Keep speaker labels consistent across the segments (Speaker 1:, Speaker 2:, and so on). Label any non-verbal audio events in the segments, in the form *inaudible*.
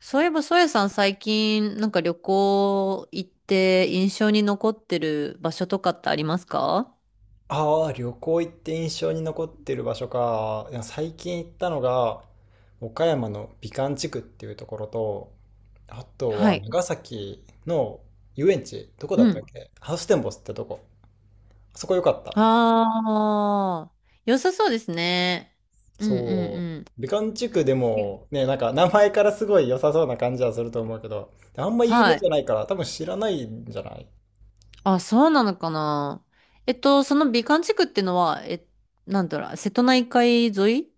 Speaker 1: そういえば、ソエさん最近旅行行って印象に残ってる場所とかってありますか？
Speaker 2: ああ、旅行行って印象に残ってる場所か。いや最近行ったのが、岡山の美観地区っていうところと、あと
Speaker 1: は
Speaker 2: は
Speaker 1: い。
Speaker 2: 長崎の遊園地、どこ
Speaker 1: う
Speaker 2: だった
Speaker 1: ん。
Speaker 2: っけ、ハウステンボスってとこ。あそこ良かった。
Speaker 1: ああ、良さそうですね。うん
Speaker 2: そう。
Speaker 1: うん
Speaker 2: 美観地区で
Speaker 1: うん。
Speaker 2: もね、なんか名前からすごい良さそうな感じはすると思うけど、あんま有名
Speaker 1: は
Speaker 2: じ
Speaker 1: い。
Speaker 2: ゃないから多分知らないんじゃない？
Speaker 1: あ、そうなのかな。その美観地区ってのは、え、なんだろう、瀬戸内海沿い、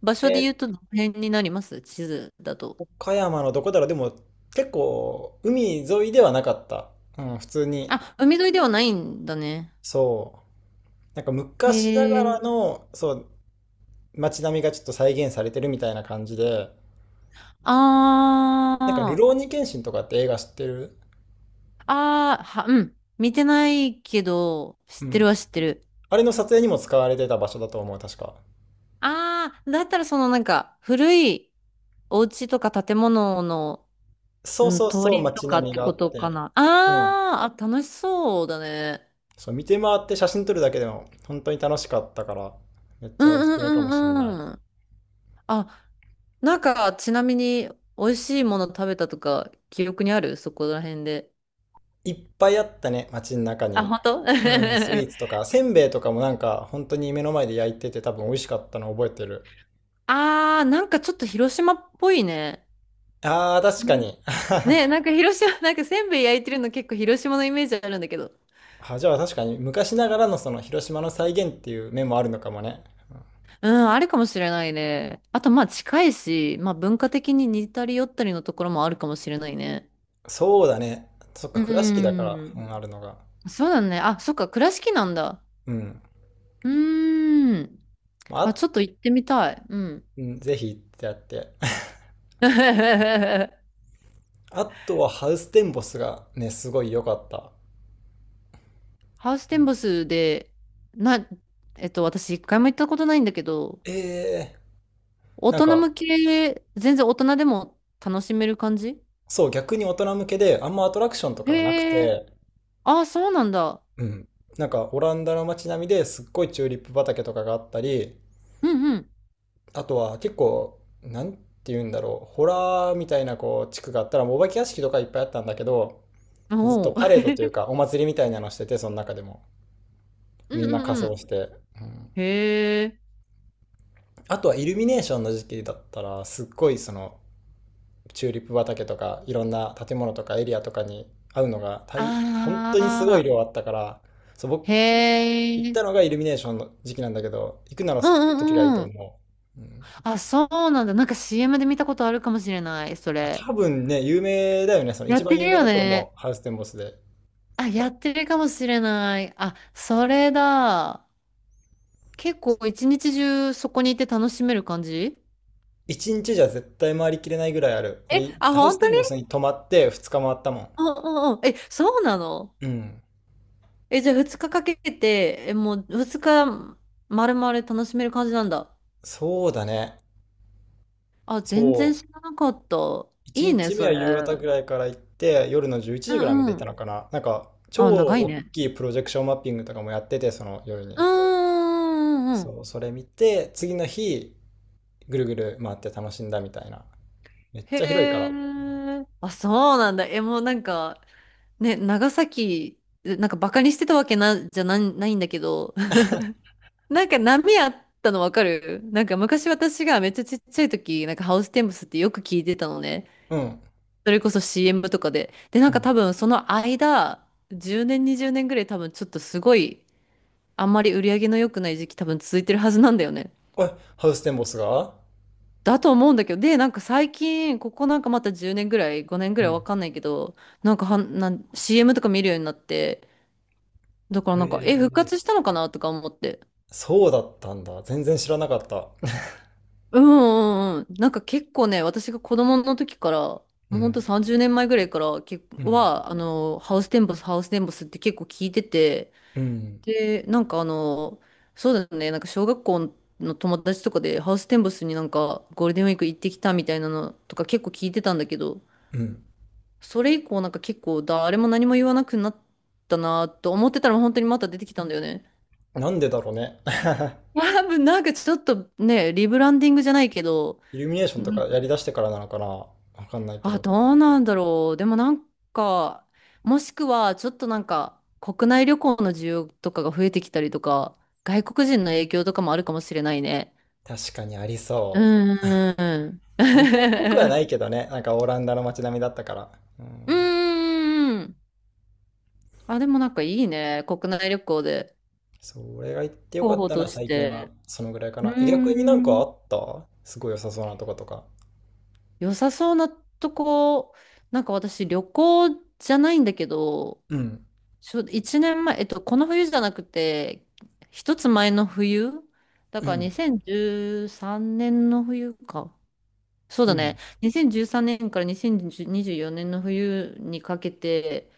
Speaker 1: 場所で
Speaker 2: え
Speaker 1: 言うとどの辺になります？地図だと。
Speaker 2: 岡山のどこだろう。でも結構海沿いではなかった。うん、普通に。
Speaker 1: あ、海沿いではないんだね。
Speaker 2: そう。なんか昔な
Speaker 1: へ
Speaker 2: が
Speaker 1: え。
Speaker 2: らの、そう、街並みがちょっと再現されてるみたいな感じで、
Speaker 1: あ
Speaker 2: なんか、ルロー
Speaker 1: あ。
Speaker 2: ニケンシンとかって映画知ってる？
Speaker 1: うん。見てないけど、知
Speaker 2: う
Speaker 1: ってる
Speaker 2: ん。
Speaker 1: は知ってる。
Speaker 2: あれの撮影にも使われてた場所だと思う、確か。
Speaker 1: ああ、だったら古いお家とか建物の、
Speaker 2: そう
Speaker 1: うん、
Speaker 2: そう
Speaker 1: 通
Speaker 2: そう、
Speaker 1: りと
Speaker 2: 街
Speaker 1: かっ
Speaker 2: 並み
Speaker 1: て
Speaker 2: があ
Speaker 1: こ
Speaker 2: っ
Speaker 1: とか
Speaker 2: て。
Speaker 1: な。
Speaker 2: うん。
Speaker 1: あ、楽しそうだね。
Speaker 2: そう、見て回って写真撮るだけでも、本当に楽しかったから、めっ
Speaker 1: う
Speaker 2: ちゃ
Speaker 1: ん
Speaker 2: おす
Speaker 1: う
Speaker 2: すめかもしんない。
Speaker 1: んうんうん。あ、ちなみに、美味しいもの食べたとか、記憶にあるそこら辺で。
Speaker 2: いっぱいあったね、街の中
Speaker 1: あ、
Speaker 2: に。
Speaker 1: 本当？
Speaker 2: うん、スイーツと
Speaker 1: *laughs*
Speaker 2: か、せんべいとかもなんか、本当に目の前で焼いてて多分美味しかったの覚えてる。
Speaker 1: ああ、なんかちょっと広島っぽいね。
Speaker 2: あー、確かに。
Speaker 1: ね、なんか広島、なんかせんべい焼いてるの結構広島のイメージあるんだけど。
Speaker 2: あ、じゃあ確かに昔ながらのその広島の再現っていう面もあるのかもね。
Speaker 1: うん、あるかもしれないね。あと、まあ近いし、まあ文化的に似たり寄ったりのところもあるかもしれないね。
Speaker 2: そうだね。そっか、
Speaker 1: う
Speaker 2: 倉敷だから、う
Speaker 1: ん。
Speaker 2: ん、あるのが。
Speaker 1: そうだね。あ、そっか、倉敷なんだ。
Speaker 2: うん。
Speaker 1: うーん。
Speaker 2: まあ、
Speaker 1: あ、ちょっと行ってみたい。うん。
Speaker 2: うん、ぜひ行ってやって。*laughs*
Speaker 1: *laughs* ハ
Speaker 2: あとはハウステンボスがね、すごい良かった。
Speaker 1: ウステンボスで、な、えっと、私一回も行ったことないんだけど、
Speaker 2: ええ、
Speaker 1: 大
Speaker 2: なん
Speaker 1: 人
Speaker 2: か、
Speaker 1: 向け、全然大人でも楽しめる感じ？
Speaker 2: そう、逆に大人向けで、あんまアトラクションとかはなく
Speaker 1: へえ。
Speaker 2: て、
Speaker 1: あ、そうなんだ。
Speaker 2: うん。なんか、オランダの街並みですっごいチューリップ畑とかがあったり、
Speaker 1: うん
Speaker 2: あとは結構、なんて言うんだろう、ホラーみたいなこう地区があったら、もうお化け屋敷とかいっぱいあったんだけど、
Speaker 1: うん。
Speaker 2: ずっと
Speaker 1: おう、
Speaker 2: パレードというか、お祭りみたいなのしてて、その中でも。
Speaker 1: うん
Speaker 2: みんな
Speaker 1: う
Speaker 2: 仮
Speaker 1: んう
Speaker 2: 装
Speaker 1: ん。
Speaker 2: して。うん、
Speaker 1: へえ。
Speaker 2: あとはイルミネーションの時期だったら、すっごいその、チューリップ畑とか、いろんな建物とかエリアとかに会うのが
Speaker 1: あ
Speaker 2: 本当にすごい
Speaker 1: あ。
Speaker 2: 量あったから、そう、
Speaker 1: へ
Speaker 2: 僕、行っ
Speaker 1: え。
Speaker 2: たのがイルミネーションの時期なんだけど、行くなら
Speaker 1: うん
Speaker 2: その時がいい
Speaker 1: うん
Speaker 2: と
Speaker 1: うん。
Speaker 2: 思う。うん。
Speaker 1: あ、そうなんだ。なんか CM で見たことあるかもしれない、そ
Speaker 2: あ、
Speaker 1: れ。
Speaker 2: 多分ね、有名だよね。その
Speaker 1: や
Speaker 2: 一
Speaker 1: っ
Speaker 2: 番
Speaker 1: てる
Speaker 2: 有名
Speaker 1: よ
Speaker 2: だと思
Speaker 1: ね。
Speaker 2: う。ハウステンボスで。
Speaker 1: あ、やってるかもしれない。あ、それだ。結構一日中そこにいて楽しめる感じ？
Speaker 2: 一日じゃ絶対回りきれないぐらいある。
Speaker 1: え、
Speaker 2: 俺、
Speaker 1: あ、
Speaker 2: ハウス
Speaker 1: 本当
Speaker 2: テン
Speaker 1: に？
Speaker 2: ボスに泊まって二日回ったもん。
Speaker 1: うん。え、そうなの？
Speaker 2: うん。
Speaker 1: え、じゃあ2日かかけて、え、もう2日丸々楽しめる感じなんだ。
Speaker 2: そうだね。
Speaker 1: あ、全然
Speaker 2: そう。
Speaker 1: 知らなかった。
Speaker 2: 一
Speaker 1: いいね、
Speaker 2: 日目
Speaker 1: そ
Speaker 2: は
Speaker 1: れ。
Speaker 2: 夕方ぐらいから行って、夜の11
Speaker 1: う
Speaker 2: 時ぐらいま
Speaker 1: ん
Speaker 2: で行っ
Speaker 1: う
Speaker 2: た
Speaker 1: ん。
Speaker 2: のかな。なんか、超
Speaker 1: あ、長い
Speaker 2: 大
Speaker 1: ね。
Speaker 2: きいプロジェクションマッピングとかもやってて、その夜
Speaker 1: う
Speaker 2: に。
Speaker 1: んうんうんうん。
Speaker 2: そう、それ見て、次の日、ぐるぐる回って楽しんだみたいな。めっ
Speaker 1: へ
Speaker 2: ちゃ広いか
Speaker 1: え。
Speaker 2: ら。
Speaker 1: あ、そうなんだ。え、もうなんか、ね、長崎、バカにしてたわけじゃないんだけど、*laughs* なんか波あったのわかる。なんか昔、私がめっちゃちっちゃい時、なんかハウステンボスってよく聞いてたのね。
Speaker 2: うん。
Speaker 1: それこそ CM とかで。で、な
Speaker 2: う
Speaker 1: んか
Speaker 2: ん。
Speaker 1: 多分その間、10年、20年ぐらい、多分ちょっとすごい、あんまり売り上げの良くない時期多分続いてるはずなんだよね。
Speaker 2: おい、ハウステンボスが。
Speaker 1: だと思うんだけど、で、なんか最近、ここなんかまた10年ぐらい、5年ぐ
Speaker 2: う
Speaker 1: らい
Speaker 2: ん。
Speaker 1: わかんないけど、なんかはん、なん CM とか見るようになって、だからなんか、え、復
Speaker 2: え、
Speaker 1: 活したのかなとか思って。
Speaker 2: そうだったんだ。全然知らなかった。*laughs*
Speaker 1: うんうなんか結構ね、私が子供の時から、も
Speaker 2: う
Speaker 1: うほんと
Speaker 2: ん。
Speaker 1: 30年前ぐらいから、
Speaker 2: うん。
Speaker 1: あの、ハウステンボスって結構聞いてて、
Speaker 2: うん。
Speaker 1: で、なんかあの、そうだね、なんか小学校の友達とかでハウステンボスになんかゴールデンウィーク行ってきたみたいなのとか結構聞いてたんだけど、
Speaker 2: うん。
Speaker 1: それ以降なんか結構誰も何も言わなくなったなと思ってたら、本当にまた出てきたんだよね。
Speaker 2: なんでだろうね。*laughs*
Speaker 1: 多分なんかちょっとね、リブランディングじゃないけど、
Speaker 2: イルミネーションと
Speaker 1: ん、
Speaker 2: かやりだしてからなのかな。わかんないけ
Speaker 1: あ、
Speaker 2: ど。
Speaker 1: どうなんだろう。でもなんか、もしくはちょっとなんか国内旅行の需要とかが増えてきたりとか、外国人の影響とかもあるかもしれないね。
Speaker 2: 確かにありそ
Speaker 1: うーん。
Speaker 2: う。日本っぽくはな
Speaker 1: *laughs*
Speaker 2: いけどね。なんかオランダの街並みだったから。う
Speaker 1: う
Speaker 2: ん。
Speaker 1: ーん。あ、でもなんかいいね、国内旅行で
Speaker 2: それが行ってよ
Speaker 1: 候
Speaker 2: かっ
Speaker 1: 補
Speaker 2: た
Speaker 1: と
Speaker 2: な、
Speaker 1: し
Speaker 2: 最近は。
Speaker 1: て。
Speaker 2: そのぐらいか
Speaker 1: うー
Speaker 2: な。え、逆になんかあ
Speaker 1: ん。
Speaker 2: った、すごい良さそうなとことか。
Speaker 1: 良さそうなとこ、なんか私、旅行じゃないんだけど、
Speaker 2: うん。
Speaker 1: ちょ、年前、この冬じゃなくて、一つ前の冬だ
Speaker 2: う
Speaker 1: から
Speaker 2: ん。
Speaker 1: 2013年の冬か。そう
Speaker 2: う
Speaker 1: だね。
Speaker 2: ん。
Speaker 1: 2013年から2024年の冬にかけて、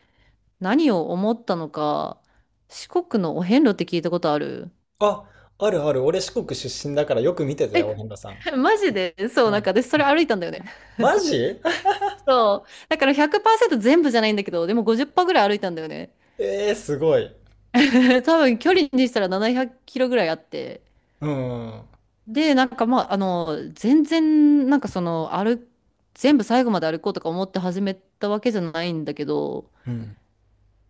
Speaker 1: 何を思ったのか、四国のお遍路って聞いたことある？
Speaker 2: あ、あるある。俺四国出身だからよく見てた
Speaker 1: え、
Speaker 2: よ、お遍路さん。
Speaker 1: *laughs* マジで、そう、
Speaker 2: う
Speaker 1: なん
Speaker 2: ん。
Speaker 1: か私それ歩いたんだよね。
Speaker 2: マジ？
Speaker 1: *laughs* そう。だから100%全部じゃないんだけど、でも50%ぐらい歩いたんだよね。
Speaker 2: *laughs* えー、すごい。
Speaker 1: *laughs* 多分距離にしたら700キロぐらいあって。
Speaker 2: うん。
Speaker 1: で、なんかまあ、あの、全然、なんかその、歩、全部最後まで歩こうとか思って始めたわけじゃないんだけど、
Speaker 2: うん。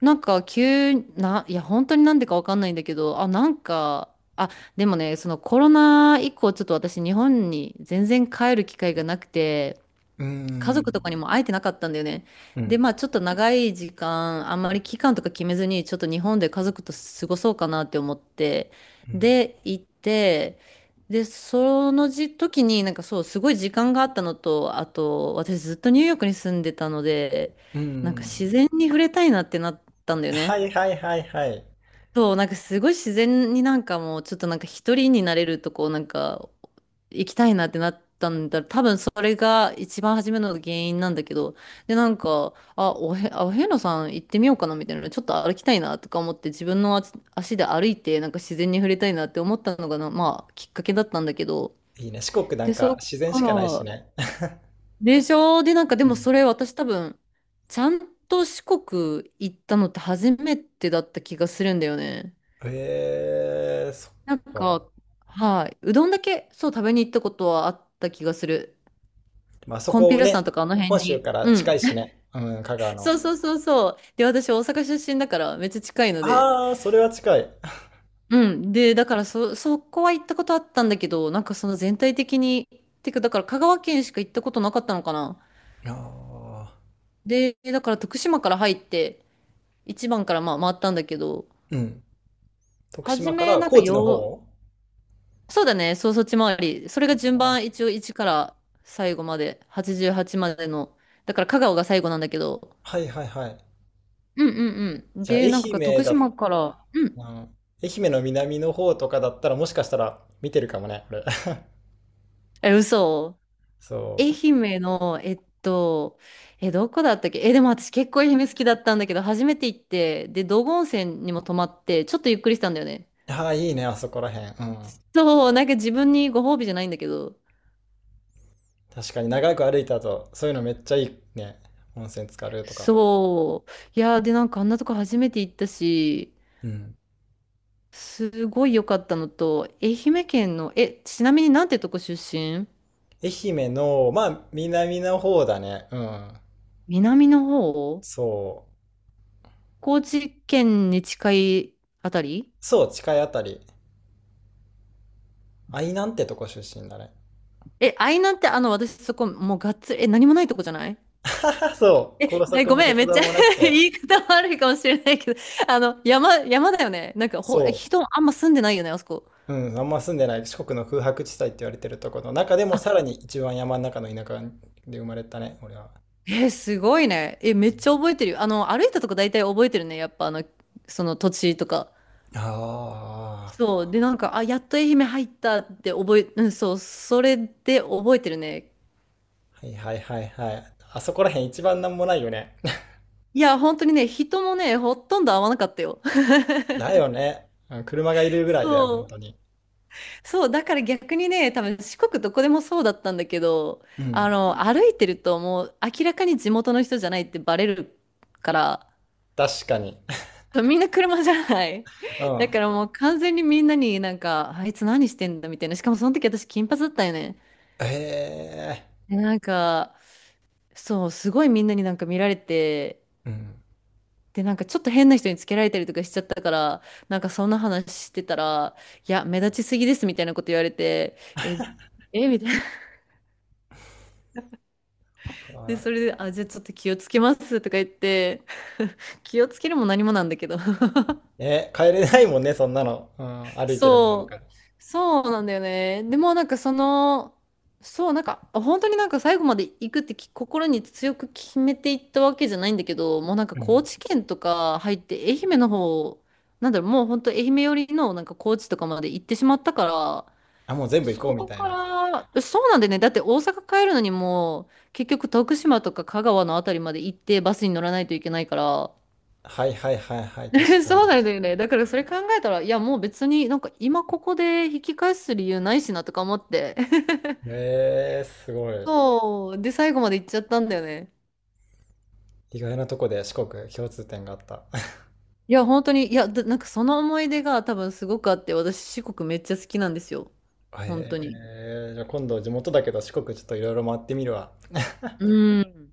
Speaker 1: なんか急な、いや本当になんでかわかんないんだけど、でもね、そのコロナ以降ちょっと私、日本に全然帰る機会がなくて、
Speaker 2: う
Speaker 1: 家族と
Speaker 2: ん。
Speaker 1: かにも会えてなかったんだよね。
Speaker 2: う
Speaker 1: で、
Speaker 2: ん。
Speaker 1: まあちょっと長い時間、あんまり期間とか決めずに、ちょっと日本で家族と過ごそうかなって思って、
Speaker 2: うん。
Speaker 1: で、行って、で、その時になんか、そう、すごい時間があったのと、あと、私ずっとニューヨークに住んでたので、なんか自然に触れたいなってなったんだよ
Speaker 2: は
Speaker 1: ね。
Speaker 2: いはいはいはい。
Speaker 1: そう、なんかすごい自然に、なんかもうちょっとなんか一人になれるとこなんか行きたいなってなったんだ。多分それが一番初めの原因なんだけど。で、なんか、あ、お遍路さん行ってみようかなみたいな。ちょっと歩きたいなとか思って、自分の足で歩いてなんか自然に触れたいなって思ったのが、まあきっかけだったんだけど。
Speaker 2: いいね。四国な
Speaker 1: で、
Speaker 2: ん
Speaker 1: そ
Speaker 2: か
Speaker 1: っ
Speaker 2: 自然
Speaker 1: か
Speaker 2: しかないし
Speaker 1: ら、
Speaker 2: ね。*laughs*
Speaker 1: でしょ、で、なんかで
Speaker 2: う
Speaker 1: も
Speaker 2: ん。
Speaker 1: それ私多分ちゃんと四国行ったのって初めてだった気がするんだよね。
Speaker 2: えー、そっ
Speaker 1: なんか、
Speaker 2: か。
Speaker 1: はい。うどんだけ、そう、食べに行ったことはあった気がする。
Speaker 2: まあそ
Speaker 1: コンピュ
Speaker 2: こ
Speaker 1: ーラさん
Speaker 2: ね、
Speaker 1: とかあの辺
Speaker 2: 本州
Speaker 1: に。
Speaker 2: から
Speaker 1: う
Speaker 2: 近
Speaker 1: ん。
Speaker 2: いし
Speaker 1: *laughs*
Speaker 2: ね。うん、香川
Speaker 1: そ
Speaker 2: の。
Speaker 1: うそうそうそう。で、私、大阪出身だから、めっちゃ近いので。
Speaker 2: ああ、それは近い。
Speaker 1: うん。で、だから、そ、そこは行ったことあったんだけど、なんかその全体的に、てか、だから香川県しか行ったことなかったのかな。
Speaker 2: *laughs* ああ、
Speaker 1: で、だから徳島から入って、一番からまあ回ったんだけど、
Speaker 2: うん。徳
Speaker 1: 初
Speaker 2: 島か
Speaker 1: め、
Speaker 2: ら
Speaker 1: なんか
Speaker 2: 高知の
Speaker 1: よ、
Speaker 2: 方。
Speaker 1: そうだね。そう、そっち回り。それが順番、一応1から最後まで、88までの。だから香川が最後なんだけど。
Speaker 2: はいはいはい。
Speaker 1: うんう
Speaker 2: じゃあ
Speaker 1: で、
Speaker 2: 愛
Speaker 1: なんか
Speaker 2: 媛
Speaker 1: 徳
Speaker 2: だ、
Speaker 1: 島から、うん。
Speaker 2: うん、愛媛の南の方とかだったらもしかしたら見てるかもね、俺。*laughs*
Speaker 1: え、嘘。
Speaker 2: そ
Speaker 1: 愛
Speaker 2: う。
Speaker 1: 媛の、えっと、え、どこだったっけえ、でも私結構愛媛好きだったんだけど、初めて行って、で、道後温泉にも泊まって、ちょっとゆっくりしたんだよね。
Speaker 2: ああ、いいね、あそこらへん。うん。
Speaker 1: そう、なんか自分にご褒美じゃないんだけど。
Speaker 2: 確かに長く歩いた後、そういうのめっちゃいいね。温泉浸かるとか。
Speaker 1: そう。いやー、で、なんかあんなとこ初めて行ったし、
Speaker 2: うん。
Speaker 1: すごい良かったのと、愛媛県の、え、ちなみになんてとこ出身？
Speaker 2: 愛媛の、まあ、南の方だね。うん。
Speaker 1: 南の方、
Speaker 2: そう。
Speaker 1: 高知県に近いあたり？
Speaker 2: そう、近いあたり。愛南ってとこ出身だね。
Speaker 1: え、愛南って、あの、私そこ、もうがっつり、え、何もないとこじゃない？
Speaker 2: *laughs* そう、高
Speaker 1: え、
Speaker 2: 速
Speaker 1: ご
Speaker 2: も
Speaker 1: めん、
Speaker 2: 鉄
Speaker 1: めっち
Speaker 2: 道
Speaker 1: ゃ
Speaker 2: もなく
Speaker 1: *laughs*
Speaker 2: て、
Speaker 1: 言い方悪いかもしれないけど、あの、山だよね。なんかほ、
Speaker 2: そ
Speaker 1: 人あんま住んでないよね、あそこ。
Speaker 2: う、うん、あんま住んでない四国の空白地帯って言われてるところの中でも
Speaker 1: あ、
Speaker 2: さらに一番山の中の田舎で生まれたね、俺は。
Speaker 1: えー、すごいね。え、めっちゃ覚えてるよ。あの、歩いたとこ大体覚えてるね。やっぱあの、その土地とか。
Speaker 2: ああ、
Speaker 1: そう。で、なんか、あ、やっと愛媛入ったってうん、そう。それで覚えてるね。
Speaker 2: はいはいはいはい。あそこら辺一番なんもないよね。
Speaker 1: いや、本当にね、人もね、ほとんど会わなかったよ。
Speaker 2: だよね。うん、車がいるぐ
Speaker 1: *laughs*
Speaker 2: らいだよ、
Speaker 1: そ
Speaker 2: 本
Speaker 1: う。
Speaker 2: 当に。
Speaker 1: そう。だから逆にね、多分四国どこでもそうだったんだけど、
Speaker 2: う
Speaker 1: あ
Speaker 2: ん。
Speaker 1: の、歩いてるともう明らかに地元の人じゃないってバレるから、
Speaker 2: 確かに。
Speaker 1: みんな車じゃない。
Speaker 2: *laughs* う
Speaker 1: *laughs* だ
Speaker 2: ん。
Speaker 1: からもう完全にみんなになんか、あいつ何してんだみたいな。しかもその時私金髪だったよね。
Speaker 2: へえ。
Speaker 1: でなんか、そう、すごいみんなになんか見られて、
Speaker 2: うん。
Speaker 1: で、なんかちょっと変な人につけられたりとかしちゃったから、なんかそんな話してたら、いや、目立ちすぎですみたいなこと言われて、え、え、みたいな。で、
Speaker 2: あ、
Speaker 1: それで、あ、じゃあちょっと気をつけますとか言って、*laughs* 気をつけるも何もなんだけど。
Speaker 2: え、帰れないもんね、そんなの。うん、歩いてるのなん
Speaker 1: そ
Speaker 2: か。
Speaker 1: う、そうなんだよね。でもなんかその、そう、なんか本当になんか最後まで行くって心に強く決めていったわけじゃないんだけど、もうなんか
Speaker 2: う
Speaker 1: 高
Speaker 2: ん。
Speaker 1: 知県とか入って愛媛の方、なんだろう、もう本当愛媛寄りのなんか高知とかまで行ってしまったから、
Speaker 2: あ、もう全部行
Speaker 1: そ
Speaker 2: こうみ
Speaker 1: こ
Speaker 2: たい
Speaker 1: か
Speaker 2: な。
Speaker 1: ら、そうなんだよね。だって大阪帰るのにもう結局徳島とか香川のあたりまで行ってバスに乗らないといけないから、
Speaker 2: はいはいはいはい、確
Speaker 1: *laughs*
Speaker 2: か
Speaker 1: そう
Speaker 2: に。
Speaker 1: なんだよね。だからそれ考えたら、いやもう別になんか今ここで引き返す理由ないしなとか思って。*laughs*
Speaker 2: へえー、すごい。
Speaker 1: そう。で、最後まで行っちゃったんだよね。
Speaker 2: 意外なとこで四国共通点があった。*laughs*
Speaker 1: いや、本当に、いや、だ、なんかその思い出が多分すごくあって、私四国めっちゃ好きなんですよ。本当に。
Speaker 2: へえー、じゃあ今度地元だけど四国ちょっといろいろ回ってみるわ。
Speaker 1: うん。